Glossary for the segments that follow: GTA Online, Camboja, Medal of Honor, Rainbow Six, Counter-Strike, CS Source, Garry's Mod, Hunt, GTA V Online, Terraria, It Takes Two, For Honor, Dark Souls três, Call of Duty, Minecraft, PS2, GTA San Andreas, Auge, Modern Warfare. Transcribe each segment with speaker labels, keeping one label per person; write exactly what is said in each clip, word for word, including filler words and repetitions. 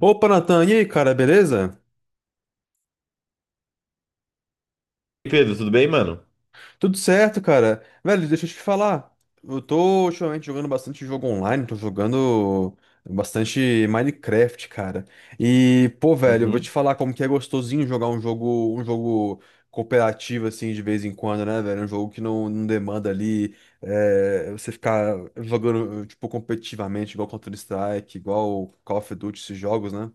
Speaker 1: Opa, Natan, e aí, cara, beleza?
Speaker 2: Pedro, tudo bem, mano?
Speaker 1: Tudo certo, cara. Velho, deixa eu te falar. Eu tô ultimamente jogando bastante jogo online, tô jogando bastante Minecraft, cara. E, pô, velho, eu vou te
Speaker 2: Uhum.
Speaker 1: falar como que é gostosinho jogar um jogo, um jogo cooperativo, assim, de vez em quando, né, velho? Um jogo que não, não demanda ali é, você ficar jogando, tipo, competitivamente, igual Counter-Strike, igual Call of Duty, esses jogos, né?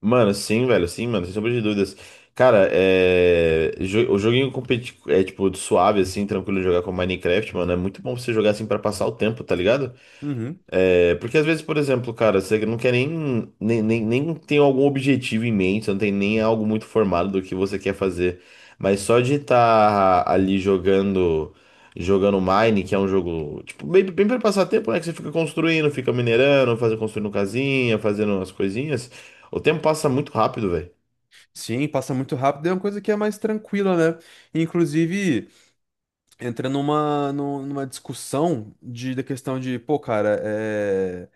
Speaker 2: Mano, sim, velho, sim, mano, sem sombra de dúvidas. Cara, é... jo- o joguinho competi... é, tipo, suave, assim, tranquilo de jogar com Minecraft, mano, é muito bom pra você jogar, assim, pra passar o tempo, tá ligado?
Speaker 1: Uhum.
Speaker 2: É, porque às vezes, por exemplo, cara, você não quer nem, nem, nem, nem tem algum objetivo em mente, você não tem nem algo muito formado do que você quer fazer. Mas só de estar ali jogando, jogando Mine, que é um jogo, tipo, bem, bem para passar tempo, né? Que você fica construindo, fica minerando, fazendo, construindo casinha, fazendo as coisinhas. O tempo passa muito rápido, velho.
Speaker 1: Sim, passa muito rápido, é uma coisa que é mais tranquila, né? Inclusive entra numa, nu- numa discussão de, da questão de, pô, cara, é,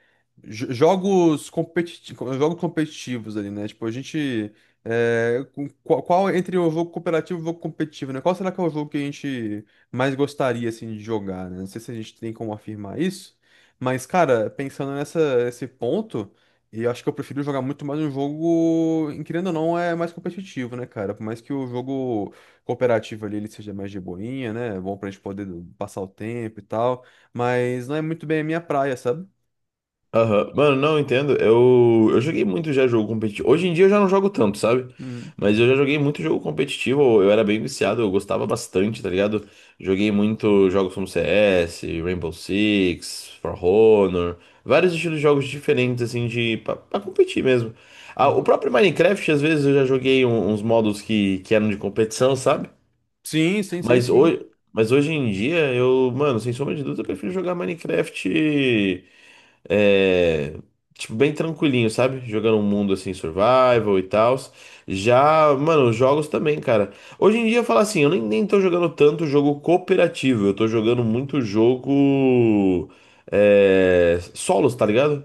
Speaker 1: jo- jogos competitivos, jogos competitivos ali, né? Tipo, a gente. é, com- qual, qual entre o jogo cooperativo e o jogo competitivo, né? Qual será que é o jogo que a gente mais gostaria, assim, de jogar, né? Não sei se a gente tem como afirmar isso, mas, cara, pensando nessa, nesse ponto. E eu acho que eu prefiro jogar muito mais um jogo, em- querendo ou não, é mais competitivo, né, cara? Por mais que o jogo cooperativa ali ele seja mais de boinha, né? É bom pra gente poder passar o tempo e tal. Mas não é muito bem a minha praia, sabe?
Speaker 2: Aham. Mano, não entendo. Eu, eu joguei muito já jogo competitivo. Hoje em dia eu já não jogo tanto, sabe?
Speaker 1: Uhum,
Speaker 2: Mas eu já joguei muito jogo competitivo. Eu era bem viciado, eu gostava bastante, tá ligado? Joguei muito jogos como C S, Rainbow Six, For Honor, vários estilos de jogos diferentes, assim, de pra, pra competir mesmo. Ah, o
Speaker 1: uhum.
Speaker 2: próprio Minecraft, às vezes, eu já joguei um- uns modos que, que eram de competição, sabe?
Speaker 1: Sim, sim, sei
Speaker 2: Mas
Speaker 1: sim.
Speaker 2: hoje, mas hoje em dia, eu, mano, sem sombra de dúvida, eu prefiro jogar Minecraft. É, tipo, bem tranquilinho, sabe? Jogando um mundo assim, survival e tal. Já, mano, os jogos também, cara. Hoje em dia, eu falo assim, eu nem, nem tô jogando tanto jogo cooperativo. Eu tô jogando muito jogo. É, solos, tá ligado?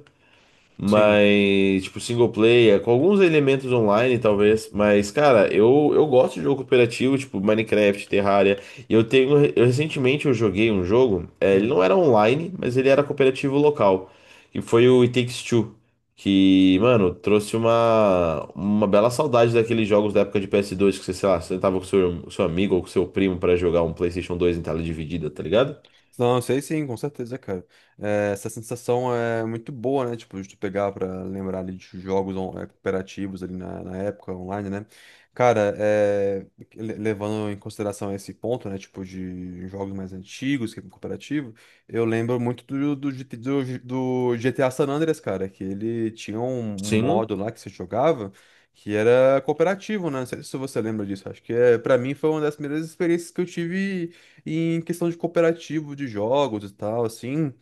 Speaker 1: Sim.
Speaker 2: Mas, tipo, single player, com alguns elementos online, talvez. Mas, cara, eu, eu gosto de jogo cooperativo, tipo Minecraft, Terraria. E eu tenho. Eu, recentemente eu joguei um jogo. eh, ele não era online, mas ele era cooperativo local. Que foi o It Takes Two. Que, mano, trouxe uma, uma bela saudade daqueles jogos da época de P S dois, que você, sei lá, sentava com seu, seu amigo ou com seu primo pra jogar um PlayStation dois em tela dividida, tá ligado?
Speaker 1: Não, sei sim, com certeza, cara. É, essa sensação é muito boa, né? Tipo, de tu pegar pra lembrar ali de jogos on- eh, cooperativos ali na, na época online, né? Cara, é, le- levando em consideração esse ponto, né? Tipo, de jogos mais antigos, que é cooperativo, eu lembro muito do, do, G T do G- do G T A San Andreas, cara, que ele tinha um, um
Speaker 2: Sim.
Speaker 1: modo lá que você jogava que era cooperativo, né? Não sei se você lembra disso. Acho que é, pra mim foi uma das primeiras experiências que eu tive em questão de cooperativo de jogos e tal, assim.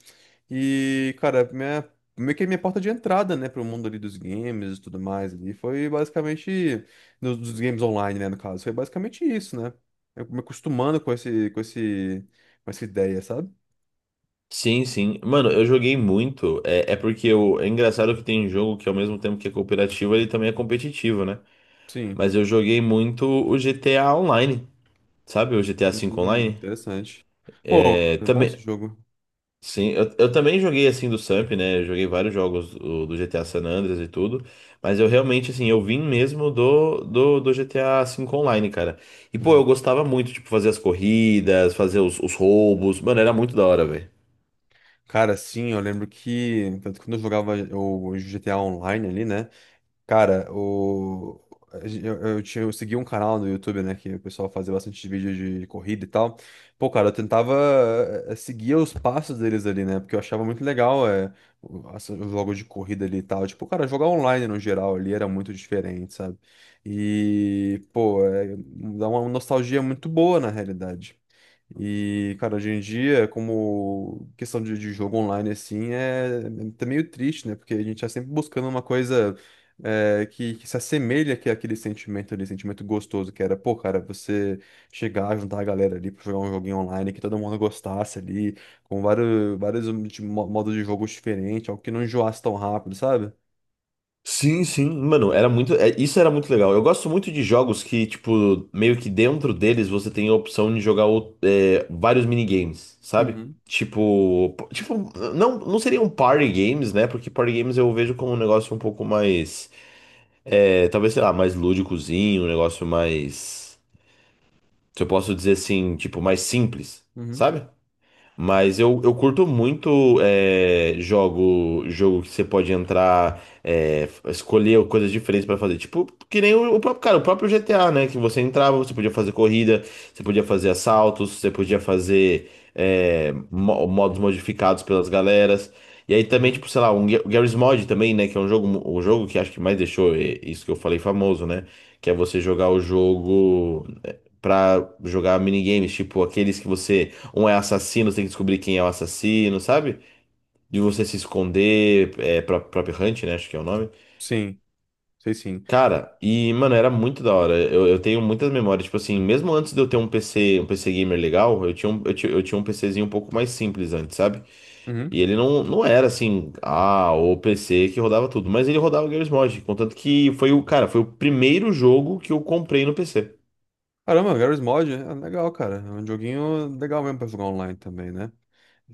Speaker 1: E, cara, minha, meio que minha porta de entrada, né, pro mundo ali dos games e tudo mais ali, foi basicamente, no- dos games online, né, no caso, foi basicamente isso, né? Eu me acostumando com esse, com esse, com essa ideia, sabe?
Speaker 2: Sim, sim. Mano, eu joguei muito. É, é porque eu, é engraçado que tem jogo que ao mesmo tempo que é cooperativo, ele também é competitivo, né?
Speaker 1: Sim.
Speaker 2: Mas eu joguei muito o G T A Online, sabe? O G T A V
Speaker 1: Hum,
Speaker 2: Online.
Speaker 1: interessante. Pô,
Speaker 2: É,
Speaker 1: é bom esse
Speaker 2: também,
Speaker 1: jogo.
Speaker 2: sim, eu, eu também joguei assim do Samp, né? Eu joguei vários jogos o- do G T A San Andreas e tudo. Mas eu realmente, assim, eu vim mesmo do, do, do G T A V Online, cara. E, pô, eu
Speaker 1: Uhum.
Speaker 2: gostava muito, tipo, fazer as corridas, fazer os, os roubos. Mano, era muito da hora, velho.
Speaker 1: Cara, sim, eu lembro que, tanto que quando eu jogava o G T A Online ali, né? Cara, o... eu, eu, tinha- eu segui um canal no YouTube, né? Que o pessoal fazia bastante vídeo de corrida e tal. Pô, cara, eu tentava eh, seguir os passos deles ali, né? Porque eu achava muito legal é, o- as- os jogos de corrida ali e tal. Tipo, cara, jogar online no geral ali era muito diferente, sabe? E, pô, é, dá uma nostalgia muito boa na realidade. E, cara, hoje em dia, como questão de, de jogo online, assim, é, é tá meio triste, né? Porque a gente tá sempre buscando uma coisa é, que, que se assemelha que aquele sentimento ali, sentimento gostoso, que era, pô, cara, você chegar, juntar a galera ali pra jogar um joguinho online que todo mundo gostasse ali, com vários, vários de mo- modos de jogo diferentes, algo que não enjoasse tão rápido, sabe?
Speaker 2: Sim, sim, mano, era muito, é, isso era muito legal. Eu gosto muito de jogos que, tipo, meio que dentro deles você tem a opção de jogar o- é, vários minigames, sabe?
Speaker 1: Uhum,
Speaker 2: Tipo, p- tipo, não, não seriam party games, né? Porque party games eu vejo como um negócio um pouco mais, é, talvez, sei lá, mais lúdicozinho, um negócio mais, se eu posso dizer assim, tipo, mais simples,
Speaker 1: uhum.
Speaker 2: sabe? Mas eu, eu curto muito é, jogo, jogo que você pode entrar, é, f- escolher coisas diferentes pra fazer. Tipo, que nem o, o próprio, cara, o próprio G T A, né? Que você entrava, você podia fazer corrida, você podia fazer assaltos, você podia fazer é, mo- modos modificados pelas galeras. E aí também,
Speaker 1: Uhum.
Speaker 2: tipo, sei lá, um Ga- Garry's Mod também, né? Que é um jogo, um jogo que acho que mais deixou é, isso que eu falei famoso, né? Que é você jogar o jogo pra jogar minigames, tipo aqueles que você, um é assassino, você tem que descobrir quem é o assassino, sabe? De você se esconder, é, pro- próprio Hunt, né? Acho que é o nome.
Speaker 1: Sim, sei sim.
Speaker 2: Cara, e, mano, era muito da hora. Eu, eu tenho muitas memórias, tipo assim, mesmo antes de eu ter um P C, um P C gamer legal, eu tinha um, eu tinha, eu tinha um PCzinho um pouco mais simples antes, sabe?
Speaker 1: Uhum.
Speaker 2: E ele não, não era assim, ah, o P C que rodava tudo, mas ele rodava Garry's Mod, contanto que foi o, cara, foi o primeiro jogo que eu comprei no P C.
Speaker 1: Caramba, Garry's Mod é legal, cara. É um joguinho legal mesmo pra jogar online também, né?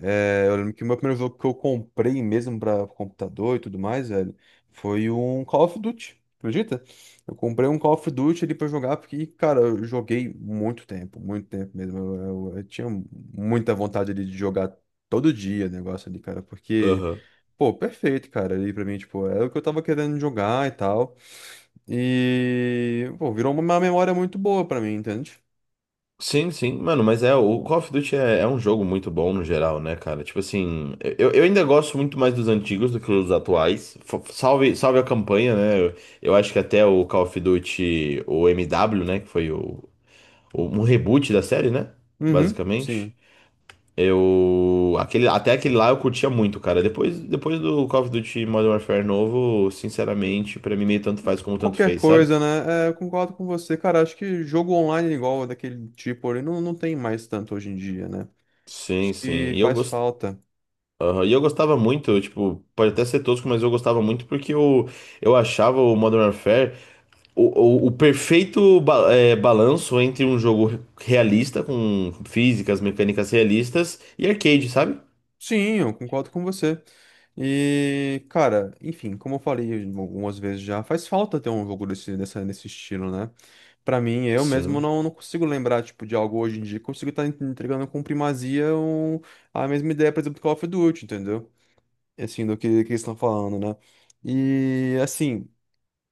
Speaker 1: É, eu lembro que o meu primeiro jogo que eu comprei mesmo pra computador e tudo mais, velho, foi um Call of Duty. Acredita? Eu comprei um Call of Duty ali pra jogar, porque, cara, eu joguei muito tempo, muito tempo mesmo. Eu, eu- eu tinha muita vontade ali de jogar todo dia o negócio ali, cara, porque,
Speaker 2: Aham.
Speaker 1: pô, perfeito, cara, ali pra mim, tipo, era o que eu tava querendo jogar e tal. E, pô, virou uma memória muito boa pra mim, entende?
Speaker 2: Sim, sim, mano, mas é, o Call of Duty é, é um jogo muito bom no geral, né, cara? Tipo assim, eu, eu ainda gosto muito mais dos antigos do que dos atuais. F- Salve, salve a campanha, né? Eu, eu acho que até o Call of Duty, o M W, né, que foi o, o- um reboot da série, né?
Speaker 1: Uhum,
Speaker 2: Basicamente.
Speaker 1: sim.
Speaker 2: Eu, aquele, até aquele lá eu curtia muito, cara. Depois, depois do Call of Duty Modern Warfare novo, sinceramente, pra mim meio tanto faz como tanto
Speaker 1: Qualquer
Speaker 2: fez, sabe?
Speaker 1: coisa, né? É, eu concordo com você. Cara, acho que jogo online é igual daquele tipo ali não, não tem mais tanto hoje em dia, né?
Speaker 2: Sim,
Speaker 1: Acho
Speaker 2: sim.
Speaker 1: que
Speaker 2: E eu
Speaker 1: faz
Speaker 2: gos-
Speaker 1: falta.
Speaker 2: Aham. E eu gostava muito, tipo, pode até ser tosco, mas eu gostava muito porque eu, eu achava o Modern Warfare o, o, o perfeito ba- é, balanço entre um jogo realista, com físicas, mecânicas realistas, e arcade, sabe?
Speaker 1: Sim, eu concordo com você. E, cara, enfim, como eu falei algumas vezes já, faz falta ter um jogo desse, dessa, nesse estilo, né? Pra mim, eu mesmo
Speaker 2: Sim,
Speaker 1: não, não consigo lembrar, tipo, de algo hoje em dia. Consigo estar entregando com primazia um- a mesma ideia, por exemplo, do Call of Duty, entendeu? Assim, do que, que eles estão falando, né? E, assim...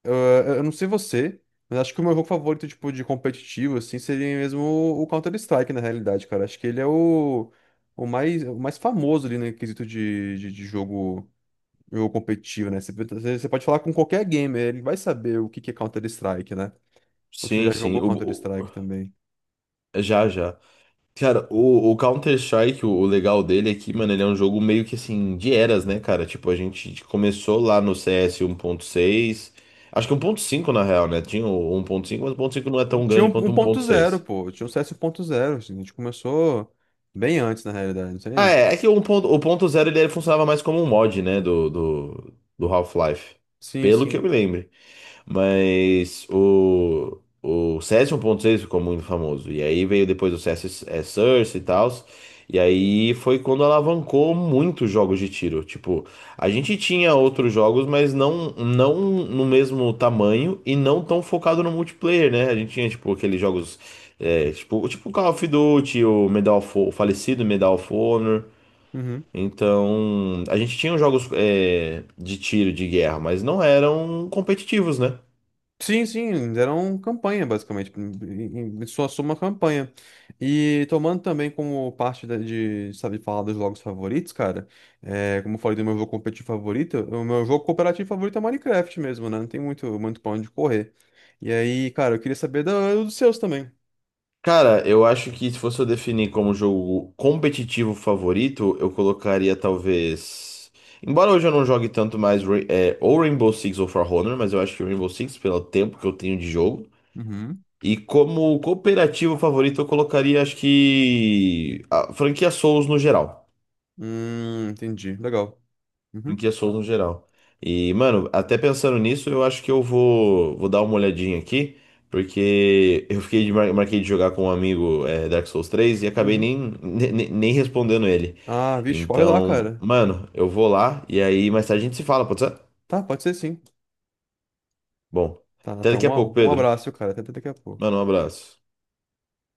Speaker 1: Eu, eu não sei você, mas acho que o meu jogo favorito, tipo, de competitivo, assim, seria mesmo o o Counter-Strike, na realidade, cara. Acho que ele é o, o mais, o mais famoso ali no quesito de, de, de jogo, jogo competitivo, né? Você, você você pode falar com qualquer gamer, ele vai saber o que que é Counter-Strike, né? Ou você já
Speaker 2: sim, sim.
Speaker 1: jogou
Speaker 2: O,
Speaker 1: Counter-Strike
Speaker 2: o-
Speaker 1: também.
Speaker 2: já, já. Cara, o, o Counter-Strike, o, o legal dele é que, mano, ele é um jogo meio que assim, de eras, né, cara? Tipo, a gente começou lá no C S seis acho que um ponto cinco na real, né? Tinha o um ponto cinco, mas o um ponto cinco não é tão
Speaker 1: Tinha
Speaker 2: grande
Speaker 1: um
Speaker 2: quanto
Speaker 1: um
Speaker 2: o um
Speaker 1: ponto
Speaker 2: ponto
Speaker 1: zero,
Speaker 2: seis
Speaker 1: pô. Tinha um C S um ponto zero, assim. A gente começou bem antes, na realidade,
Speaker 2: Ah,
Speaker 1: entende?
Speaker 2: é, é que o um ponto o ponto zero ele funcionava mais como um mod, né, do, do, do Half-Life,
Speaker 1: Sim,
Speaker 2: pelo que eu
Speaker 1: sim.
Speaker 2: me lembro. Mas o, o C S um ponto seis ficou muito famoso. E aí veio depois o C S é, Source e tal. E aí foi quando alavancou muitos jogos de tiro. Tipo, a gente tinha outros jogos, mas não, não no mesmo tamanho e não tão focado no multiplayer, né? A gente tinha, tipo, aqueles jogos. É, tipo, tipo o Call of Duty, o Medal of, Ho- o falecido Medal of Honor. Então, a gente tinha jogos é, de tiro, de guerra, mas não eram competitivos, né?
Speaker 1: Sim, sim, deram campanha, basicamente. Em em- sua soma, campanha. E tomando também como parte da- de, sabe, falar dos jogos favoritos, cara, é, como eu falei do meu jogo competitivo favorito, o meu jogo cooperativo favorito é Minecraft mesmo, né? Não tem muito, muito pra onde correr. E aí, cara, eu queria saber do- dos seus também.
Speaker 2: Cara, eu acho que se fosse eu definir como jogo competitivo favorito, eu colocaria talvez. Embora hoje eu não jogue tanto mais Ra- é, ou Rainbow Six ou For Honor, mas eu acho que o Rainbow Six, pelo tempo que eu tenho de jogo.
Speaker 1: Uhum.
Speaker 2: E como cooperativo favorito, eu colocaria, acho que. A franquia Souls no geral.
Speaker 1: Hum, entendi. Legal.
Speaker 2: Do
Speaker 1: Uhum,
Speaker 2: que Souls no geral. E, mano, até pensando nisso, eu acho que eu vou, vou dar uma olhadinha aqui, porque eu fiquei de, mar- marquei de jogar com um amigo é, Dark Souls três e acabei
Speaker 1: uhum.
Speaker 2: nem, ne- nem, respondendo ele.
Speaker 1: Ah, vixe, corre lá,
Speaker 2: Então,
Speaker 1: cara.
Speaker 2: mano, eu vou lá e aí mais tarde a gente se fala, pode ser?
Speaker 1: Tá, pode ser sim.
Speaker 2: Bom,
Speaker 1: Tá,
Speaker 2: até
Speaker 1: então,
Speaker 2: daqui a pouco,
Speaker 1: um, um
Speaker 2: Pedro.
Speaker 1: abraço, cara. Até até daqui a pouco.
Speaker 2: Mano, um abraço.